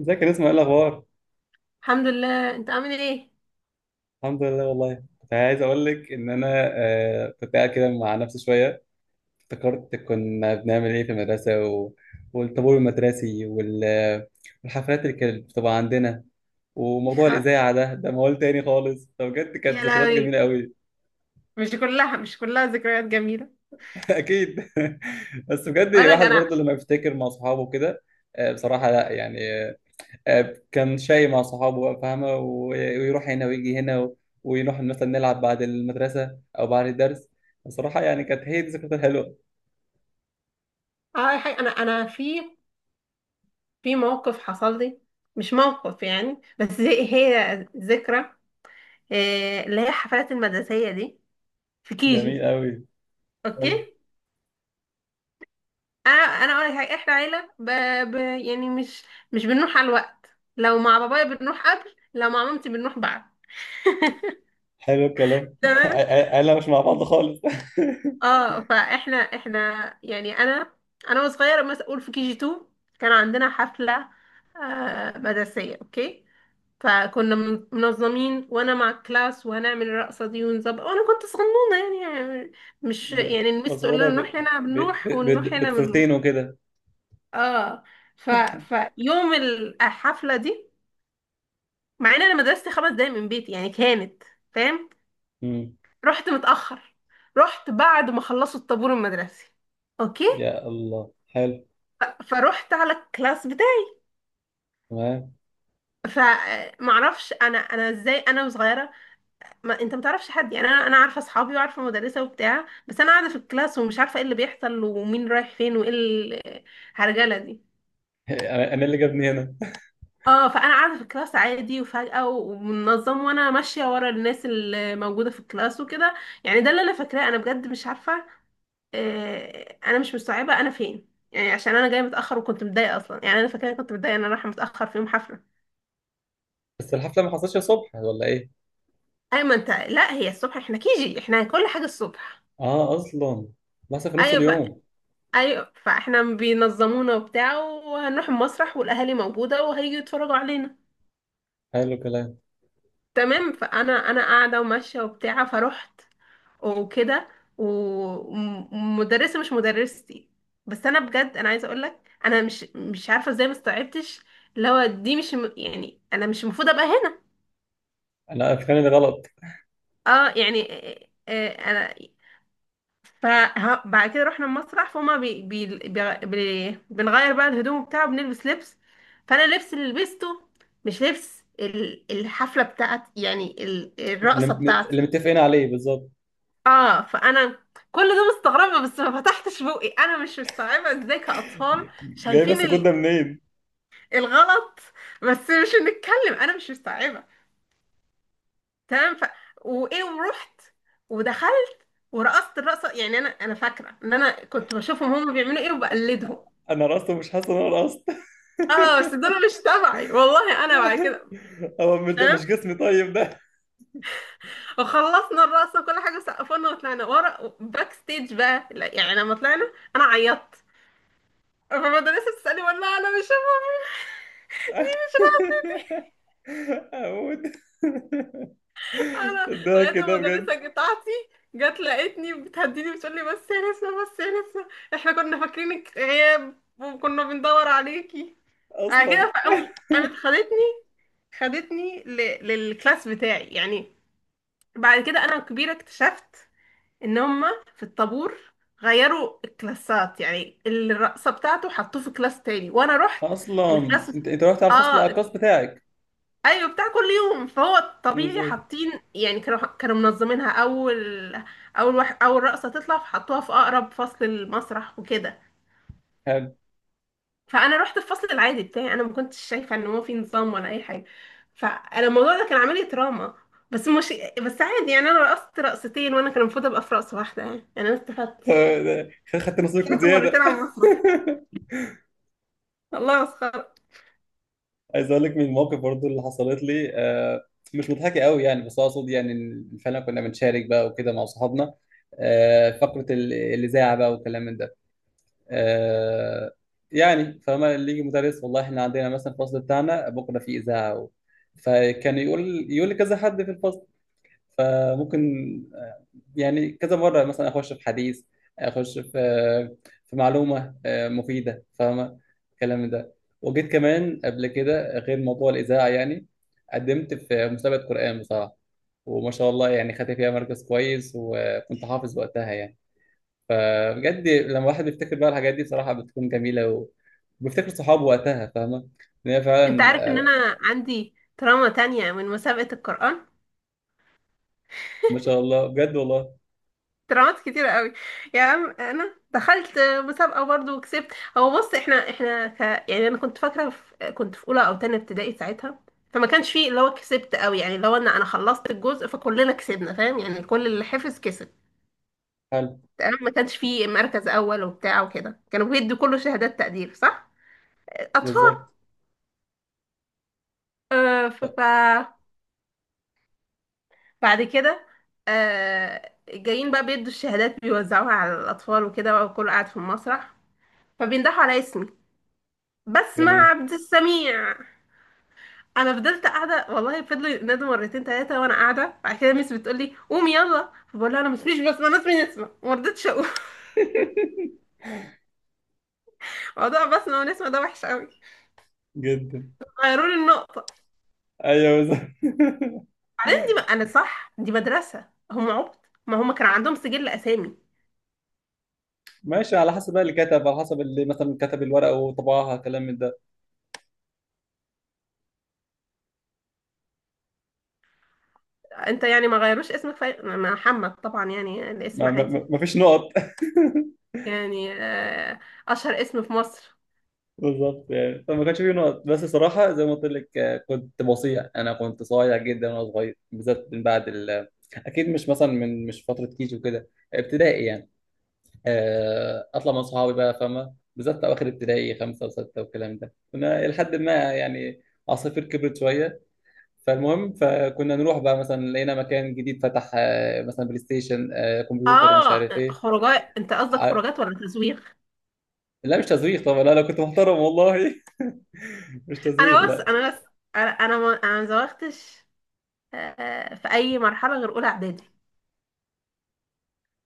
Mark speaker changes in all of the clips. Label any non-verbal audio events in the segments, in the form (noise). Speaker 1: ازيك يا نسمة؟ ايه الاخبار؟
Speaker 2: الحمد لله. انت عامل ايه؟
Speaker 1: الحمد لله والله. كنت عايز اقول لك ان انا آه، كنت قاعد كده مع نفسي شويه. افتكرت كنا بنعمل ايه في والطابور المدرسي والحفلات اللي كانت بتبقى عندنا، وموضوع
Speaker 2: خ...
Speaker 1: الاذاعه ده موال تاني خالص. فبجد
Speaker 2: يا
Speaker 1: كانت ذكريات جميله
Speaker 2: لهوي.
Speaker 1: قوي.
Speaker 2: مش كلها، مش كلها ذكريات جميلة.
Speaker 1: (laughs) اكيد. (laughs) بس بجد
Speaker 2: اقول لك
Speaker 1: الواحد
Speaker 2: انا.
Speaker 1: برضه لما بيفتكر مع صحابه كده، آه بصراحه، لا يعني، كان شاي مع صحابه بقى، فاهمة، ويروح هنا ويجي هنا و ونروح مثلا نلعب بعد المدرسة أو بعد الدرس. بصراحة يعني كانت هي دي الذكريات الحلوة.
Speaker 2: انا في موقف حصل لي. مش موقف يعني، بس هي ذكرى. اللي هي الحفلات المدرسية دي، في
Speaker 1: جميل
Speaker 2: كيجي.
Speaker 1: أوي.
Speaker 2: اوكي.
Speaker 1: حلو.
Speaker 2: انا اقول لك حاجة، احنا عيلة ب... يعني مش بنروح على الوقت. لو مع بابايا بنروح قبل، لو مع مامتي بنروح بعد.
Speaker 1: حلو
Speaker 2: (laughs)
Speaker 1: الكلام. (laughs)
Speaker 2: تمام.
Speaker 1: أنا مش مع بعض خالص.
Speaker 2: اه فاحنا يعني انا. وصغيره مثلا، اقول في كي جي 2 كان عندنا حفله، آه مدرسيه، اوكي. فكنا منظمين، وانا مع الكلاس، وهنعمل الرقصه دي ونظبط، وانا كنت صغنونه. يعني
Speaker 1: (laughs)
Speaker 2: مش يعني المس تقول
Speaker 1: مصورة
Speaker 2: لنا نروح هنا
Speaker 1: ب...
Speaker 2: بنروح، ونروح هنا بنروح.
Speaker 1: بتفرتين وكده.
Speaker 2: اه ف فيوم الحفله دي، مع ان انا مدرستي خمس دقايق من بيتي يعني، كانت، فاهم؟
Speaker 1: مم.
Speaker 2: رحت متاخر، رحت بعد ما خلصوا الطابور المدرسي. اوكي.
Speaker 1: يا الله حلو.
Speaker 2: فروحت على الكلاس بتاعي.
Speaker 1: تمام.
Speaker 2: فمعرفش انا، ازاي انا وصغيره؟ ما انت ما تعرفش حد. يعني انا، عارفه اصحابي وعارفه مدرسه وبتاع، بس انا قاعده في الكلاس ومش عارفه ايه اللي بيحصل، ومين رايح فين، وايه الهرجله دي.
Speaker 1: (laughs) أنا اللي جابني هنا.
Speaker 2: اه فانا قاعده في الكلاس عادي، وفجاه ومنظم، وانا ماشيه ورا الناس اللي موجوده في الكلاس وكده. يعني ده اللي انا فاكراه، انا بجد مش عارفه. انا مش مستوعبه انا فين، يعني عشان انا جايه متاخر وكنت متضايقه اصلا. يعني انا فاكره كنت متضايقه ان انا رايحه متاخر في يوم حفله.
Speaker 1: (laughs) بس الحفلة ما حصلتش الصبح ولا إيه؟
Speaker 2: ايوه، ما انت لا هي الصبح، احنا كيجي احنا كل حاجه الصبح.
Speaker 1: آه أصلا. بس في نص
Speaker 2: ايوه
Speaker 1: اليوم.
Speaker 2: ايوه فاحنا بينظمونا وبتاع، وهنروح المسرح، والاهالي موجوده وهيجوا يتفرجوا علينا.
Speaker 1: حلو الكلام.
Speaker 2: تمام. فانا قاعده وماشيه وبتاع، فروحت وكده، ومدرسه مش مدرستي. بس انا بجد انا عايزه اقول لك، انا مش عارفه ازاي ما استوعبتش. اللي هو دي مش يعني انا مش المفروض ابقى هنا.
Speaker 1: أنا أفكاري غلط.
Speaker 2: اه يعني انا. فبعد كده رحنا المسرح، فما بي بي بي بي بنغير بقى الهدوم بتاعه، بنلبس لبس. فانا اللبس اللي لبسته مش لبس الحفله بتاعتي، يعني
Speaker 1: اللي
Speaker 2: الرقصه
Speaker 1: اللي
Speaker 2: بتاعتي.
Speaker 1: متفقين عليه بالظبط.
Speaker 2: اه فانا كل ده مستغربه، بس ما فتحتش بوقي، انا مش مستوعبه ازاي كاطفال
Speaker 1: جاي
Speaker 2: شايفين
Speaker 1: بس كنت ده منين؟
Speaker 2: الغلط، بس مش هنتكلم، انا مش مستوعبه. تمام وايه، ورحت، ودخلت، ورقصت الرقصه. يعني انا فاكره ان انا كنت بشوفهم هم بيعملوا ايه وبقلدهم.
Speaker 1: انا رقصت ومش حاسس ان انا رقصت.
Speaker 2: اه، بس دول مش تبعي والله. انا بعد كده،
Speaker 1: (laughs) هو مش ده
Speaker 2: تمام،
Speaker 1: مش جسمي طيب ده؟
Speaker 2: وخلصنا الرقصه وكل حاجه، سقفنا وطلعنا ورا باك ستيج بقى. لا يعني، لما طلعنا انا عيطت، فالمدرسه بتسالني والله انا مش (laughs) دي مش راضية.
Speaker 1: (laughs) اموت.
Speaker 2: انا
Speaker 1: (laughs) ده
Speaker 2: لغايه
Speaker 1: كده بجد
Speaker 2: المدرسه بتاعتي جت لقيتني بتهديني، بتقول لي بس يا نسمه، بس يا نسمه، احنا كنا فاكرينك غياب وكنا بندور عليكي. بعد
Speaker 1: اصلا.
Speaker 2: كده قامت خدتني، خدتني ل... للكلاس بتاعي يعني. بعد كده انا كبيره اكتشفت ان هم في الطابور غيروا الكلاسات، يعني الرقصه بتاعته حطوه في كلاس تاني وانا رحت
Speaker 1: اصلا
Speaker 2: الكلاس.
Speaker 1: انت رحت على الفصل
Speaker 2: اه
Speaker 1: الارقص بتاعك؟
Speaker 2: ايوه، بتاع كل يوم، فهو الطبيعي
Speaker 1: بالظبط.
Speaker 2: حاطين. يعني كانوا منظمينها اول، اول واحد اول رقصه تطلع، فحطوها في اقرب فصل المسرح وكده.
Speaker 1: حلو.
Speaker 2: فانا رحت الفصل العادي بتاعي، انا ما كنتش شايفه ان هو في نظام ولا اي حاجه. فانا الموضوع ده كان عامل لي تراما، بس مش بس عادي. يعني انا رقصت رقصتين وانا كان المفروض ابقى في رقصه واحده. يعني انا استفدت،
Speaker 1: (laughs) خدت نصيبك
Speaker 2: طلعت مرتين
Speaker 1: زياده.
Speaker 2: على المسرح.
Speaker 1: (laughs)
Speaker 2: الله، مسخرة.
Speaker 1: عايز اقول لك من المواقف برضو اللي حصلت لي، مش مضحكه قوي يعني، بس اقصد يعني إن فعلا كنا بنشارك بقى وكده مع صحابنا. فقره الاذاعه بقى والكلام من ده. آه، يعني فما اللي يجي مدرس، والله احنا عندنا مثلا الفصل بتاعنا بكره في اذاعه، فكان يقول لكذا حد في الفصل، فممكن آه، يعني كذا مرة مثلا أخش في حديث، أخش في في معلومة مفيدة، فاهمة الكلام ده. وجيت كمان قبل كده غير موضوع الإذاعة يعني، قدمت في مسابقة قرآن بصراحة، وما شاء الله يعني خدت فيها مركز كويس، وكنت حافظ وقتها يعني. فبجد لما الواحد بيفتكر بقى الحاجات دي بصراحة بتكون جميلة وبيفتكر صحابه وقتها، فاهمة إن هي
Speaker 2: انت
Speaker 1: فعلا.
Speaker 2: عارف ان
Speaker 1: آه،
Speaker 2: انا عندي تراما تانية من مسابقة القرآن؟
Speaker 1: ما شاء الله بجد والله.
Speaker 2: ترامات كتيرة قوي. يا عم انا دخلت مسابقة برضو وكسبت. هو بص، احنا يعني انا كنت فاكرة كنت في اولى او تانية ابتدائي ساعتها. فما كانش فيه اللي هو كسبت قوي، يعني اللي هو ان انا خلصت الجزء فكلنا كسبنا، فاهم؟ يعني كل اللي حفظ كسب.
Speaker 1: حلو.
Speaker 2: تمام، ما كانش فيه مركز اول وبتاع وكده، كانوا بيدوا كله شهادات تقدير، صح؟ اطفال.
Speaker 1: بالظبط.
Speaker 2: آه، ف... ف... بعد كده، آه جايين بقى بيدوا الشهادات بيوزعوها على الأطفال وكده بقى، وكله قاعد في المسرح. فبيندحوا على اسمي، بسمة
Speaker 1: جميل.
Speaker 2: عبد السميع. انا فضلت قاعده، والله فضلوا ينادوا مرتين ثلاثه وانا قاعده. بعد كده ميس بتقول لي قومي يلا، فبقول لها انا مش بسمه، انا اسمي نسمه، وما رضيتش اقول.
Speaker 1: (laughs)
Speaker 2: (laughs) موضوع بسمه ونسمه ده وحش قوي.
Speaker 1: جدا.
Speaker 2: غيروا لي النقطه.
Speaker 1: ايوه بالظبط. (laughs)
Speaker 2: بعدين دي ما انا صح، دي مدرسه هم عبط، ما هم كان عندهم سجل اسامي.
Speaker 1: ماشي، على حسب بقى اللي كتب، على حسب اللي مثلا كتب الورقه وطبعها كلام من ده.
Speaker 2: انت يعني ما غيروش اسمك محمد طبعا، يعني الاسم
Speaker 1: ما, ما,
Speaker 2: عادي،
Speaker 1: ما ما فيش نقط. (laughs)
Speaker 2: يعني اشهر اسم في مصر.
Speaker 1: بالظبط. يعني فما كانش فيه نقط، بس صراحه زي ما قلت لك، كنت بصيع، انا كنت صايع جدا وانا صغير، بالذات من بعد ال، اكيد مش مثلا من، مش فتره كيجي وكده، ابتدائي يعني. اطلع مع صحابي بقى، فاهمه، بالذات اواخر ابتدائي، خمسه وسته والكلام ده، كنا لحد ما يعني عصافير كبرت شويه. فالمهم فكنا نروح بقى مثلا لقينا مكان جديد فتح، مثلا بلاي ستيشن، كمبيوتر، مش
Speaker 2: اه،
Speaker 1: عارف ايه.
Speaker 2: خروجات انت قصدك
Speaker 1: ع-
Speaker 2: خروجات ولا تزويغ؟
Speaker 1: لا مش تزويق طبعا، لا انا كنت محترم والله. (laughs) مش تزويق
Speaker 2: انا بس
Speaker 1: لا.
Speaker 2: انا بس انا ما زوغتش في اي مرحله غير اولى اعدادي.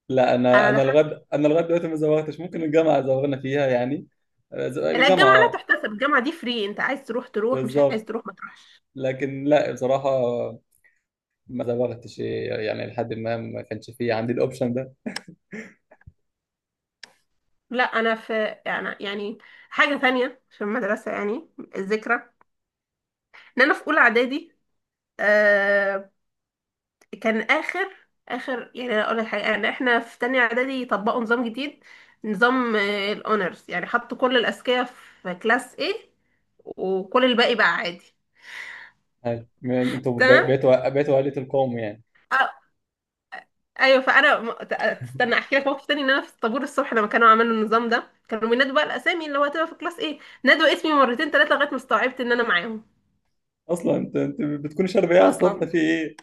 Speaker 1: لا انا
Speaker 2: انا
Speaker 1: انا
Speaker 2: دخلت.
Speaker 1: لغد، انا لغايه دلوقتي ما زوغتش. ممكن الجامعه زوغنا فيها يعني.
Speaker 2: لا،
Speaker 1: الجامعه
Speaker 2: الجامعه لا
Speaker 1: اه.
Speaker 2: تحتسب، الجامعه دي فري، انت عايز تروح تروح، مش عايز
Speaker 1: بالظبط.
Speaker 2: تروح ما تروحش.
Speaker 1: لكن لا بصراحه، ما زوغتش يعني لحد ما ما كانش فيه عندي الاوبشن ده.
Speaker 2: لا انا في يعني حاجه ثانيه في المدرسه. يعني الذكرى ان انا في اولى اعدادي، آه، كان اخر، أنا اقول لك حاجه، يعني احنا في تانية اعدادي طبقوا نظام جديد، نظام الاونرز، يعني حطوا كل الاذكياء في كلاس A، وكل الباقي بقى عادي.
Speaker 1: هاي انتوا
Speaker 2: تمام
Speaker 1: بيتوا عائله القوم يعني.
Speaker 2: آه، ايوه، فانا تستنى احكي لك موقف تاني. ان انا في الطابور الصبح لما كانوا عملوا النظام ده، كانوا بينادوا بقى الاسامي اللي هو هتبقى في كلاس A، نادوا اسمي مرتين ثلاثه لغايه ما استوعبت ان انا معاهم.
Speaker 1: اصلا انت بتكون شارب ايه على الصبح؟
Speaker 2: اصلا
Speaker 1: في ايه؟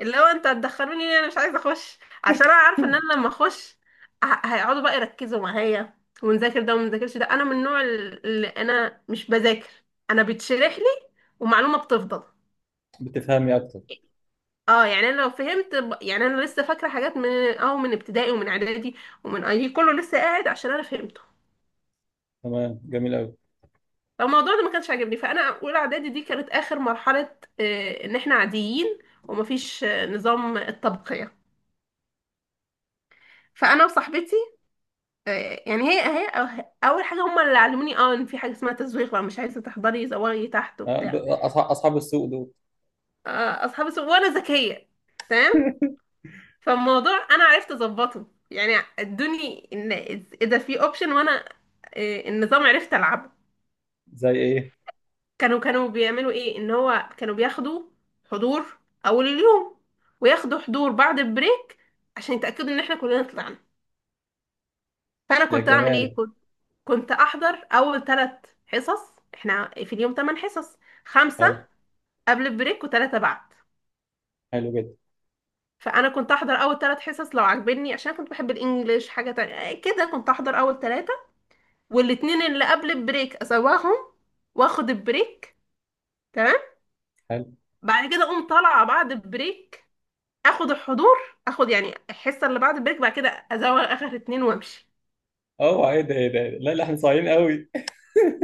Speaker 2: اللي هو انت هتدخلوني ليه، انا مش عايزه اخش، عشان انا عارفه ان انا لما اخش هيقعدوا بقى يركزوا معايا، ونذاكر ده ومنذاكرش ده. انا من النوع اللي انا مش بذاكر، انا بتشرح لي ومعلومه بتفضل.
Speaker 1: بتفهمي اكتر.
Speaker 2: اه يعني انا لو فهمت يعني انا لسه فاكره حاجات من اه من ابتدائي ومن اعدادي ومن اي، كله لسه قاعد عشان انا فهمته.
Speaker 1: تمام، جميل قوي.
Speaker 2: فالموضوع ده ما كانش عاجبني، فانا اولى اعدادي دي كانت اخر مرحله ان احنا عاديين، ومفيش نظام الطبقيه. فانا وصاحبتي يعني هي اول حاجه هم اللي علموني اه ان في حاجه اسمها تزويق بقى، مش عايزه تحضري زوغي تحت وبتاع.
Speaker 1: اصحاب السوق دول.
Speaker 2: اصحابي وانا ذكيه، تمام. فالموضوع انا عرفت اظبطه، يعني ادوني ان اذا في اوبشن وانا النظام، عرفت العبه.
Speaker 1: زي ايه؟
Speaker 2: كانوا بيعملوا ايه، ان هو كانوا بياخدوا حضور اول اليوم، وياخدوا حضور بعد البريك عشان يتاكدوا ان احنا كلنا طلعنا. فانا
Speaker 1: يا
Speaker 2: كنت اعمل ايه؟
Speaker 1: جماله.
Speaker 2: كنت احضر اول ثلاث حصص. احنا في اليوم ثمان حصص، خمسه
Speaker 1: حلو.
Speaker 2: قبل البريك وثلاثه بعد.
Speaker 1: حلو جدا.
Speaker 2: فانا كنت احضر اول ثلاث حصص لو عجبني، عشان كنت بحب الانجليش حاجه تانية. كده كنت احضر اول ثلاثه، والاتنين اللي قبل البريك اسواهم، واخد البريك، تمام.
Speaker 1: حلو.
Speaker 2: بعد كده اقوم طالعه بعد البريك، اخد الحضور، اخد يعني الحصه اللي بعد البريك، بعد كده ازوغ اخر اتنين وامشي.
Speaker 1: اوعى! ايه ده؟ ايه ده؟ إيه ده؟ لا لا، احنا صايعين قوي.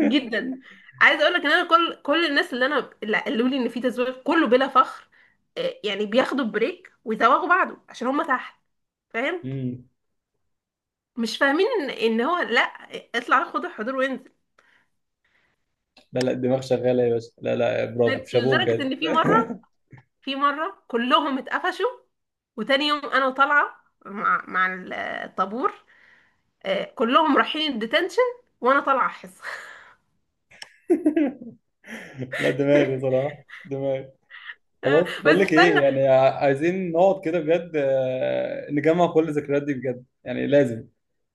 Speaker 2: جدا. عايزه اقول لك ان انا كل الناس اللي انا اللي قالوا لي ان في تزوير كله، بلا فخر، يعني بياخدوا بريك ويزوغوا بعده عشان هم تحت، فاهم؟
Speaker 1: امم (laughs)
Speaker 2: مش فاهمين ان ان هو لا، اطلع خد الحضور وانزل.
Speaker 1: لا لا، الدماغ شغاله يا باشا. لا لا، برافو، شابوه
Speaker 2: لدرجه
Speaker 1: بجد.
Speaker 2: ان في
Speaker 1: (laughs)
Speaker 2: مره، في مره كلهم اتقفشوا، وتاني يوم انا طالعه مع الطابور، كلهم رايحين الديتنشن وانا طالعه حصه.
Speaker 1: لا دماغي
Speaker 2: (laughs)
Speaker 1: صراحه، دماغي. خلاص
Speaker 2: بس
Speaker 1: بقول لك ايه،
Speaker 2: استنى،
Speaker 1: يعني عايزين نقعد كده بجد، نجمع كل الذكريات دي بجد، يعني لازم.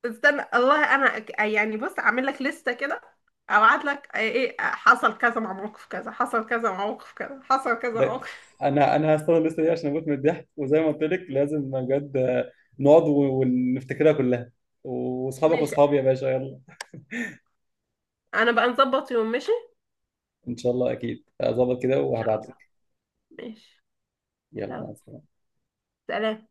Speaker 2: والله انا يعني بص اعمل لك لستة كده، ابعت لك آه، ايه آه، حصل كذا مع موقف كذا، حصل كذا مع موقف كذا، حصل كذا مع
Speaker 1: ده
Speaker 2: موقف.
Speaker 1: انا هستنى الليسته دي عشان اموت من الضحك، وزي ما قلت لك لازم بجد نقعد و ونفتكرها كلها، واصحابك
Speaker 2: ماشي.
Speaker 1: واصحابي يا باشا، يلا.
Speaker 2: انا بقى نظبط يوم. ماشي،
Speaker 1: ان شاء الله، اكيد هظبط كده
Speaker 2: ان شاء
Speaker 1: وهبعت
Speaker 2: الله.
Speaker 1: لك.
Speaker 2: ماشي.
Speaker 1: يلا، مع
Speaker 2: يلا،
Speaker 1: السلامه.
Speaker 2: سلام.